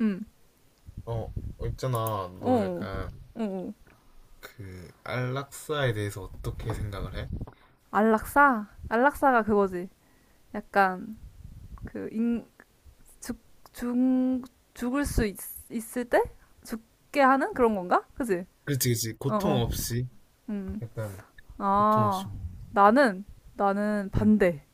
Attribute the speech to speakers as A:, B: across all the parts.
A: 응.
B: 어, 어, 있잖아. 너
A: 어.
B: 약간
A: 어. 오
B: 그 안락사에 대해서 어떻게 생각을 해?
A: 안락사? 안락사가 그거지. 약간 그 인, 죽, 죽, 죽을 수 있을 때 죽게 하는 그런 건가? 그지?
B: 그렇지, 그렇지.
A: 어,
B: 고통
A: 어.
B: 없이
A: 음.
B: 약간 고통 없이.
A: 아.
B: 먹는 거.
A: 나는 나는
B: 응.
A: 반대.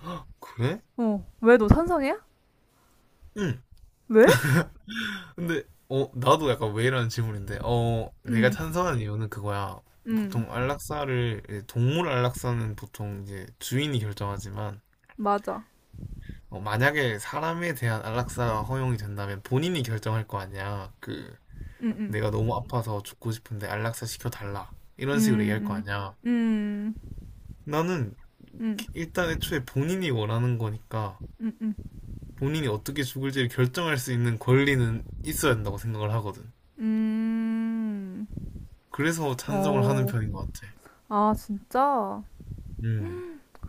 B: 헉, 그래?
A: 어. 왜 너 찬성이야?
B: 응.
A: 왜?
B: 근데 어 나도 약간 왜 이런 질문인데 어 내가
A: 응,
B: 찬성하는 이유는 그거야.
A: 응.
B: 보통 안락사를 이제 동물 안락사는 보통 이제 주인이 결정하지만
A: 맞아.
B: 어, 만약에 사람에 대한 안락사가 허용이 된다면 본인이 결정할 거 아니야. 그
A: 응응
B: 내가 너무 아파서 죽고 싶은데 안락사 시켜달라. 이런 식으로
A: 응
B: 얘기할 거 아니야.
A: 음.
B: 나는
A: 음.
B: 일단 애초에 본인이 원하는 거니까
A: 음.
B: 본인이 어떻게 죽을지를 결정할 수 있는 권리는 있어야 된다고 생각을 하거든.
A: 음. 음.
B: 그래서 찬성을 하는
A: 어.
B: 편인 것 같아.
A: 아, 진짜?
B: 음.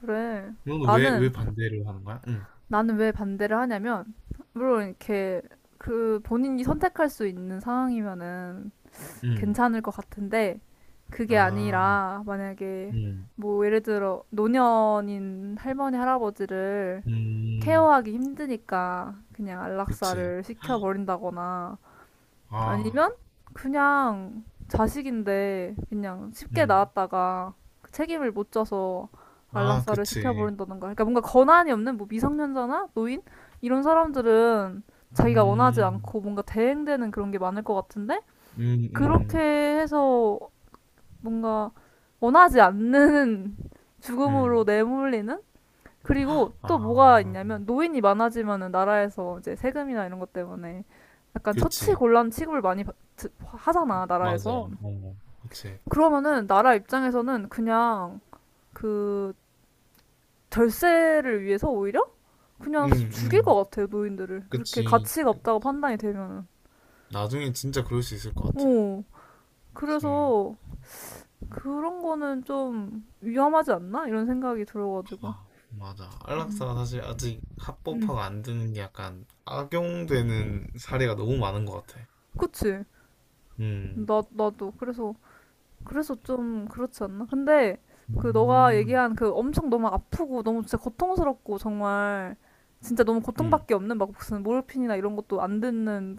A: 그래.
B: 너는 왜,
A: 나는
B: 왜 반대를 하는 거야? 음.
A: 나는 왜 반대를 하냐면, 물론 이렇게 그 본인이 선택할 수 있는 상황이면은
B: 음.
A: 괜찮을 것 같은데, 그게
B: 아,
A: 아니라 만약에
B: 음.
A: 뭐 예를 들어 노년인 할머니 할아버지를
B: 음.
A: 케어하기 힘드니까 그냥
B: 그치.
A: 안락사를 시켜버린다거나
B: 아,
A: 아니면 그냥 자식인데 그냥 쉽게
B: 음.
A: 낳았다가 그 책임을 못 져서
B: 아,
A: 안락사를
B: 그치.
A: 시켜버린다던가. 그러니까 뭔가 권한이 없는 뭐 미성년자나 노인 이런 사람들은 자기가 원하지
B: 음.
A: 않고 뭔가 대행되는 그런 게 많을 것 같은데
B: 음,
A: 그렇게
B: 음.
A: 해서 뭔가 원하지 않는 죽음으로
B: 음.
A: 내몰리는. 그리고 또
B: 아,
A: 뭐가 있냐면 노인이 많아지면은 나라에서 이제 세금이나 이런 것 때문에 약간
B: 그렇지.
A: 처치곤란 취급을 많이 하잖아,
B: 맞아.
A: 나라에서.
B: 어, 그치.
A: 그러면은 나라 입장에서는 그냥 그 절세를 위해서 오히려
B: 음,
A: 그냥 죽일 것
B: 음.
A: 같아요, 노인들을 그렇게
B: 그치.
A: 가치가 없다고 판단이 되면은.
B: 나중에 진짜 그럴 수 있을 것 같아.
A: 어,
B: 음,
A: 그래서 그런 거는 좀 위험하지 않나 이런 생각이 들어가지고.
B: 아, 맞아. 안락사가 사실 아직
A: 음.
B: 합법화가 안 되는 게 약간 악용되는 사례가 너무 많은 것 같아.
A: 그치.
B: 음,
A: 나 나도 그래서 그래서 좀 그렇지 않나? 근데 그 너가
B: 음,
A: 얘기한 그 엄청 너무 아프고 너무 진짜 고통스럽고 정말 진짜 너무
B: 음,
A: 고통밖에 없는 막 무슨 모르핀이나 이런 것도 안 듣는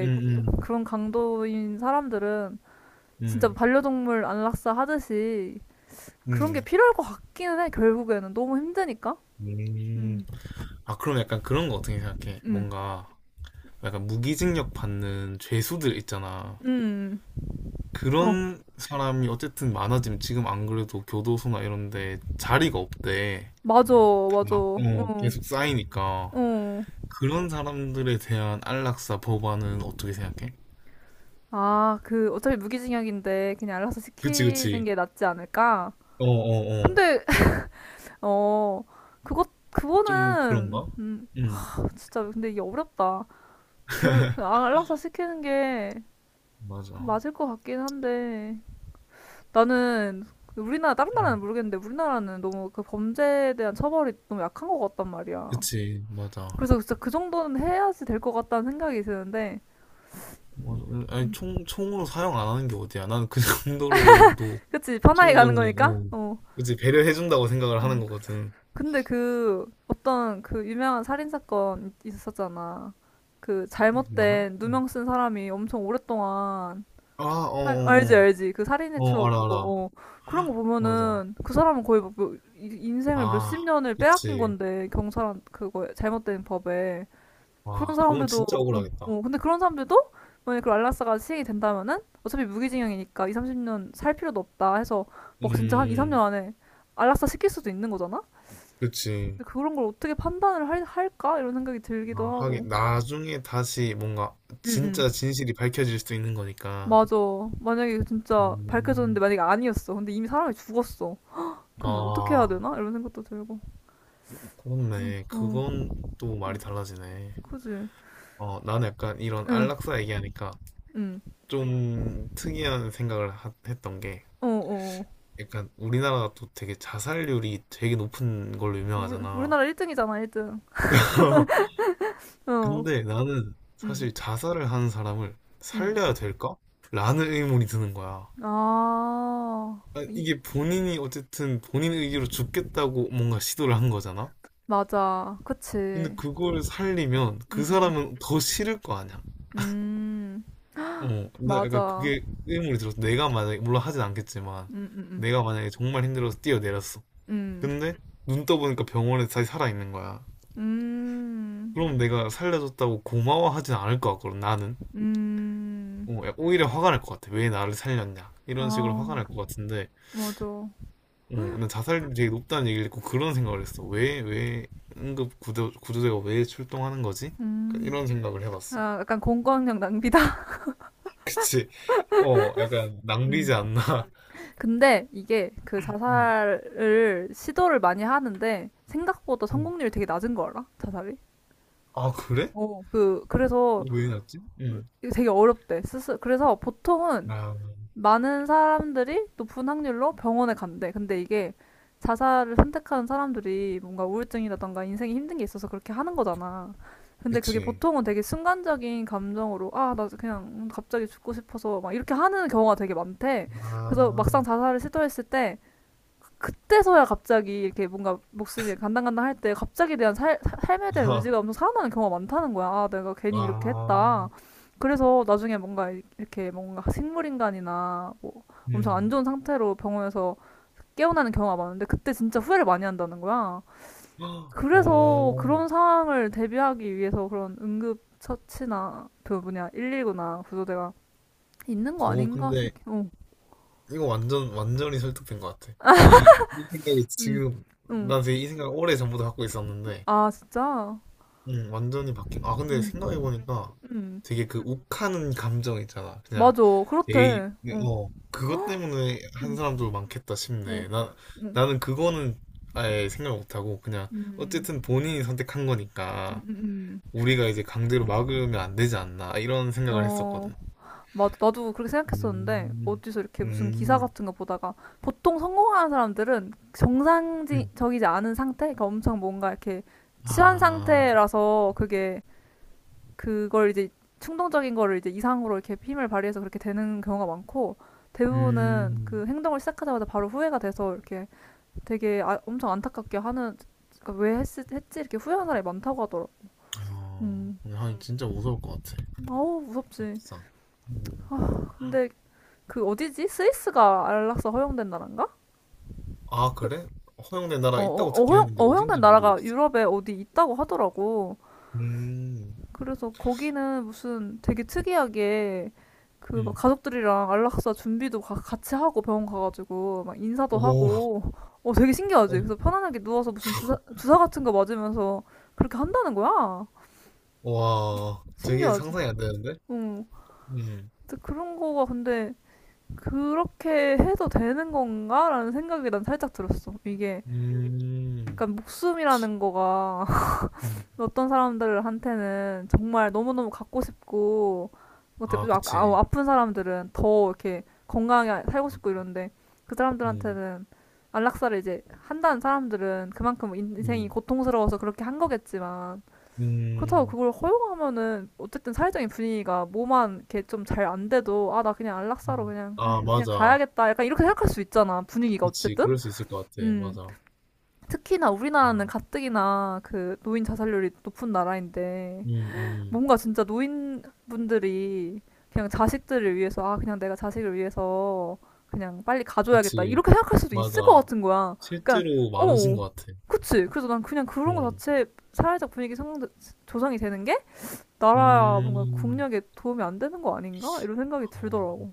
B: 음, 음,
A: 그런 강도인 사람들은 진짜
B: 음,
A: 반려동물 안락사 하듯이 그런 게
B: 음.
A: 필요할 것 같기는 해, 결국에는 너무 힘드니까.
B: 음.
A: 음,
B: 아, 그럼 약간 그런 거 어떻게 생각해?
A: 음,
B: 뭔가 약간 무기징역 받는 죄수들 있잖아.
A: 음. 어,
B: 그런 사람이 어쨌든 많아지면 지금 안 그래도 교도소나 이런 데 자리가 없대.
A: 맞아, 맞아.
B: 다,
A: 어,
B: 어, 계속 쌓이니까.
A: 어.
B: 그런 사람들에 대한 안락사 법안은 어떻게 생각해?
A: 아, 그 어차피 무기징역인데 그냥 안락사
B: 그치,
A: 시키는
B: 그치.
A: 게 낫지 않을까?
B: 어, 어, 어.
A: 근데 어,
B: 좀
A: 그거는,
B: 그런가? 응,
A: 진짜, 근데 이게 어렵다. 알아서 시키는 게
B: 맞아.
A: 맞을 것 같긴 한데, 나는, 우리나라, 다른
B: 응,
A: 나라는 모르겠는데, 우리나라는 너무 그 범죄에 대한 처벌이 너무 약한 것 같단 말이야.
B: 그치, 맞아.
A: 그래서 진짜 그 정도는 해야지 될 것 같다는 생각이 드는데,
B: 맞아. 아니, 총으로 사용 안 하는 게 어디야. 나는 그 정도로도
A: 그치, 편하게 가는
B: 충분히,
A: 거니까?
B: 어.
A: 어,
B: 그치, 배려해준다고 생각을 하는
A: 음.
B: 거거든.
A: 근데 그, 어떤 그 유명한 살인사건 있었잖아. 그
B: 유명한?
A: 잘못된
B: 응.
A: 누명 쓴 사람이 엄청 오랫동안
B: 아, 어,
A: 사- 알지,
B: 어, 어.
A: 알지. 그 살인의
B: 어,
A: 추억
B: 알아,
A: 그거.
B: 알아.
A: 어. 그런 거
B: 맞아.
A: 보면은 그 사람은 거의 뭐 인생을 몇십
B: 아,
A: 년을 빼앗긴
B: 그치.
A: 건데 경찰한 그거 잘못된 법에. 그런
B: 와, 그건
A: 사람들도
B: 진짜
A: 어,
B: 억울하겠다.
A: 어. 근데 그런 사람들도 만약에 그 알라스가 시행이 된다면은 어차피 무기징역이니까 2, 30년 살 필요도 없다 해서 막 진짜 한 2, 3년
B: 음,
A: 안에 안락사 시킬 수도 있는 거잖아?
B: 그치.
A: 근데 그런 걸 어떻게 판단을 할까? 이런 생각이 들기도
B: 아,
A: 하고.
B: 하긴 나중에 다시 뭔가
A: 응, 응.
B: 진짜 진실이 밝혀질 수 있는 거니까.
A: 맞아. 만약에 진짜 밝혀졌는데
B: 음.
A: 만약에 아니었어. 근데 이미 사람이 죽었어. 그럼 어떻게 해야
B: 아,
A: 되나? 이런 생각도 들고.
B: 그렇네.
A: 어,
B: 그건 또 말이 달라지네.
A: 그지.
B: 어, 나는 약간 이런
A: 응,
B: 안락사 얘기하니까
A: 응.
B: 좀 특이한 생각을 했던 게
A: 어, 어. 어.
B: 약간 우리나라가 또 되게 자살률이 되게 높은 걸로
A: 우리,
B: 유명하잖아.
A: 우리나라 1등이잖아, 1등. 어,
B: 근데 나는
A: 응,
B: 사실 자살을 하는 사람을
A: 응.
B: 살려야 될까? 라는 의문이 드는 거야.
A: 아,
B: 아,
A: 이,
B: 이게 본인이 어쨌든 본인 의기로 죽겠다고 뭔가 시도를 한 거잖아?
A: 맞아. 그치.
B: 근데
A: 응,
B: 그걸 살리면 그
A: 응, 응.
B: 사람은 더 싫을 거 아니야?
A: 음,
B: 어, 나 약간
A: 맞아.
B: 그게 의문이 들었어. 내가 만약에, 물론 하진 않겠지만,
A: 응, 응,
B: 내가 만약에 정말 힘들어서 뛰어내렸어.
A: 응.
B: 근데 눈 떠보니까 병원에 다시 살아있는 거야.
A: 응,
B: 그럼 내가 살려줬다고 고마워하진 않을 것 같거든, 나는.
A: 음.
B: 어, 야, 오히려 화가 날 것 같아. 왜 나를 살렸냐. 이런 식으로 화가 날
A: 아,
B: 것 같은데,
A: 맞아.
B: 어, 난 자살률이 되게 높다는 얘기를 듣고 그런 생각을 했어. 왜, 왜 응급 구조대가 왜 출동하는 거지? 약간
A: 음.
B: 이런 생각을 해봤어.
A: 아, 약간 공권력 낭비다.
B: 그치? 어, 약간 낭비지
A: 음.
B: 않나?
A: 근데 이게 그
B: 음,
A: 자살을 시도를 많이 하는데 생각보다
B: 음.
A: 성공률이 되게 낮은 거 알아? 자살이?
B: 아, 그래?
A: 어, 그 그래서
B: 왜 해놨지? 음.
A: 이게 되게 어렵대. 스스 그래서 보통은
B: 아,
A: 많은 사람들이 높은 확률로 병원에 간대. 근데 이게 자살을 선택하는 사람들이 뭔가 우울증이라던가 인생이 힘든 게 있어서 그렇게 하는 거잖아. 근데 그게
B: 그치.
A: 보통은 되게 순간적인 감정으로, 아, 나 그냥 갑자기 죽고 싶어서 막 이렇게 하는 경우가 되게 많대. 그래서 막상
B: 아,
A: 자살을 시도했을 때 그때서야 갑자기 이렇게 뭔가 목숨이 간당간당할 때 갑자기 대한 삶에 대한
B: 아,
A: 의지가 엄청 살아나는 경우가 많다는 거야. 아, 내가 괜히 이렇게 했다.
B: 아,
A: 그래서 나중에 뭔가 이렇게 뭔가 식물인간이나 뭐 엄청 안
B: 음.
A: 좋은 상태로 병원에서 깨어나는 경우가 많은데 그때 진짜 후회를 많이 한다는 거야.
B: 헉,
A: 그래서
B: 어,
A: 그런 상황을 대비하기 위해서 그런 응급 처치나 그 뭐냐 119나 구조대가 있는 거
B: 오,
A: 아닌가 싶
B: 근데
A: 어,
B: 이거 완전히 설득된 것 같아. 이 생각이
A: 응,
B: 지금,
A: 응.
B: 난 되게 이 생각을 오래 전부터 갖고 있었는데,
A: 아, 진짜.
B: 완전히 바뀐. 아, 근데
A: 응,
B: 생각해보니까
A: 응.
B: 되게 그 욱하는 감정 있잖아. 그냥,
A: 맞아.
B: 에이,
A: 그렇대. 어.
B: 어, 그것 때문에 한
A: 응.
B: 사람도 많겠다
A: 응.
B: 싶네. 나,
A: 응.
B: 나는 그거는 아예 생각 못하고, 그냥,
A: 음.
B: 어쨌든 본인이 선택한
A: 음.
B: 거니까,
A: 음.
B: 우리가 이제 강제로 막으면 안 되지 않나, 이런
A: 음.
B: 생각을
A: 어.
B: 했었거든.
A: 맞아. 나도 그렇게 생각했었는데
B: 음,
A: 어디서 이렇게 무슨 기사
B: 음,
A: 같은 거 보다가 보통 성공하는 사람들은
B: 음.
A: 정상적이지 않은 상태, 그러니까 엄청 뭔가 이렇게 취한
B: 아,
A: 상태라서 그게 그걸 이제 충동적인 거를 이제 이상으로 이렇게 힘을 발휘해서 그렇게 되는 경우가 많고 대부분은 그
B: 음,
A: 행동을 시작하자마자 바로 후회가 돼서 이렇게 되게, 아, 엄청 안타깝게 하는 그러니까 왜 했지 이렇게 후회하는 사람이 많다고 하더라.
B: 어,
A: 음.
B: 하긴 진짜 무서울 것 같아.
A: 아우,
B: 아,
A: 무섭지.
B: 진짜. 음.
A: 아, 근데 그 어디지? 스위스가 안락사 허용된 나라인가?
B: 아, 그래? 허용된 나라 있다고 듣긴 했는데
A: 허용된
B: 어딘지
A: 나라가
B: 모르겠어.
A: 유럽에 어디 있다고 하더라고.
B: 음,
A: 그래서 거기는 무슨 되게 특이하게 그 막
B: 음.
A: 가족들이랑 안락사 준비도 같이 하고 병원 가가지고 막 인사도
B: 오,
A: 하고 어 되게 신기하지.
B: 어,
A: 그래서 편안하게 누워서 무슨 주사 같은 거 맞으면서 그렇게 한다는 거야.
B: 와, 되게
A: 신기하지.
B: 상상이 안 되는데?
A: 응.
B: 음,
A: 그런 거가 근데 그렇게 해도 되는 건가라는 생각이 난 살짝 들었어. 이게
B: 음,
A: 약간 목숨이라는 거가
B: 음.
A: 어떤 사람들한테는 정말 너무너무 갖고 싶고 뭐
B: 아,
A: 대표적으로 아,
B: 그치.
A: 아픈 사람들은 더 이렇게 건강하게 살고 싶고 이런데 그
B: 음,
A: 사람들한테는 안락사를 이제 한다는 사람들은 그만큼 인생이
B: 음,
A: 고통스러워서 그렇게 한 거겠지만 그렇다고
B: 음,
A: 그걸 허용하면은 어쨌든 사회적인 분위기가 뭐만 이렇게 좀 잘 안 돼도 아 나 그냥 안락사로 그냥 아
B: 아,
A: 그냥
B: 맞아.
A: 가야겠다 약간 이렇게 생각할 수 있잖아, 분위기가
B: 그치.
A: 어쨌든.
B: 그럴 수 있을 것 같아.
A: 음.
B: 맞아.
A: 특히나
B: 아,
A: 우리나라는 가뜩이나 그 노인 자살률이 높은 나라인데
B: 음, 음.
A: 뭔가 진짜 노인분들이 그냥 자식들을 위해서 아 그냥 내가 자식을 위해서 그냥 빨리 가줘야겠다
B: 그치.
A: 이렇게 생각할 수도
B: 맞아.
A: 있을 것 같은 거야. 그러니까
B: 실제로 많으신
A: 어,
B: 것 같아.
A: 그치. 그래서 난 그냥 그런 거
B: 음,
A: 자체 사회적 분위기 조성이 되는 게 나라야 뭔가
B: 음.
A: 국력에 도움이 안 되는 거 아닌가? 이런 생각이
B: 아,
A: 들더라고.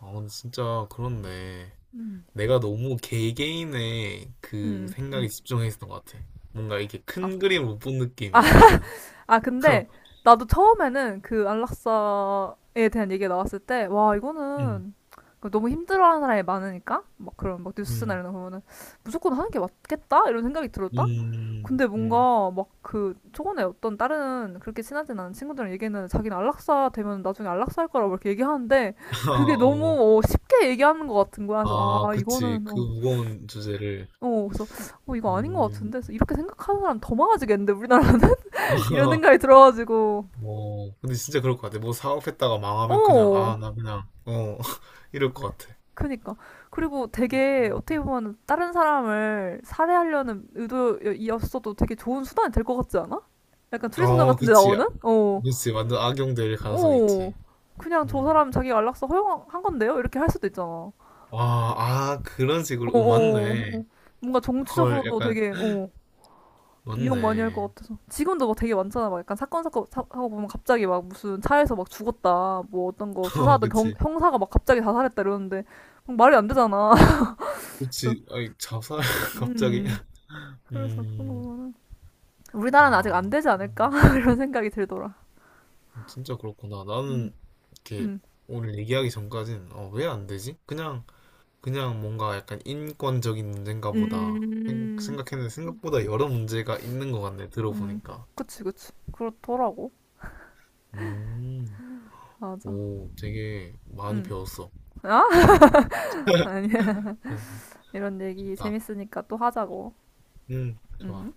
B: 아, 근데 진짜 그렇네.
A: 음,
B: 내가 너무 개개인의 그
A: 음,
B: 생각에
A: 음.
B: 집중했던 것 같아. 뭔가 이렇게
A: 아,
B: 큰 그림 못 본
A: 아,
B: 느낌이야, 나는.
A: 근데 나도 처음에는 그 안락사에 대한 얘기가 나왔을 때, 와,
B: 음,
A: 이거는 너무 힘들어하는 사람이 많으니까 막 그런 막 뉴스나
B: 음,
A: 이런 거 보면은 무조건 하는 게 맞겠다 이런 생각이 들었다. 근데
B: 음.
A: 뭔가 막 그 초반에 어떤 다른 그렇게 친하진 않은 친구들이랑 얘기는 자기는 안락사 되면 나중에 안락사 할 거라고 이렇게 얘기하는데
B: 아,
A: 그게
B: 어.
A: 너무 쉽게 얘기하는 것 같은 거야. 그래서
B: 아,
A: 아
B: 그치.
A: 이거는
B: 그 무거운 주제를.
A: 그래서, 이거 아닌 것 같은데.
B: 음.
A: 그래서 이렇게 생각하는 사람 더 많아지겠는데, 우리나라는? 이런 생각이 들어가지고.
B: 어, 근데 진짜 그럴 것 같아. 뭐 사업했다가 망하면 그냥,
A: 어,
B: 아, 나 그냥, 어, 이럴 것 같아.
A: 그니까. 그리고 되게, 어떻게 보면, 다른 사람을 살해하려는 의도였어도 되게 좋은 수단이 될 것 같지 않아? 약간 추리소설
B: 어,
A: 같은 데
B: 그치. 아,
A: 나오는? 어,
B: 그치. 완전 악용될 가능성이
A: 어.
B: 있지.
A: 그냥 저
B: 음.
A: 사람 자기가 안락사 허용한 건데요? 이렇게 할 수도 있잖아. 어,
B: 아, 아, 그런 식으로.
A: 어,
B: 오, 맞네.
A: 어. 뭔가
B: 헐,
A: 정치적으로도
B: 약간
A: 되게, 어. 유혹 많이 할
B: 맞네.
A: 것 같아서. 지금도 막 되게 많잖아. 막 약간 사건 사건 하고 보면 갑자기 막 무슨 차에서 막 죽었다. 뭐 어떤 거
B: 어,
A: 수사하던
B: 그치.
A: 형사가 막 갑자기 자살했다 이러는데 막 말이 안 되잖아. 그래서
B: 그치. 아이, 자살, 갑자기.
A: 음 그래서 그런 거
B: 음,
A: 보면은 우리나라는 아직 안
B: 아,
A: 되지 않을까
B: 음,
A: 이런 생각이 들더라.
B: 진짜 그렇구나.
A: 음.
B: 나는 이렇게
A: 음.
B: 오늘 얘기하기 전까진, 어, 왜 안 되지? 그냥, 그냥 뭔가 약간 인권적인 문제인가 보다.
A: 음,
B: 생각했는데 생각보다 여러 문제가 있는 것 같네,
A: 음.
B: 들어보니까.
A: 그치, 그치, 그렇더라고.
B: 음,
A: 맞아.
B: 오, 되게 많이
A: 음.
B: 배웠어.
A: 아, 아니야.
B: 야,
A: 이런 얘기
B: 좋다.
A: 재밌으니까 또 하자고.
B: 좋아.
A: 음.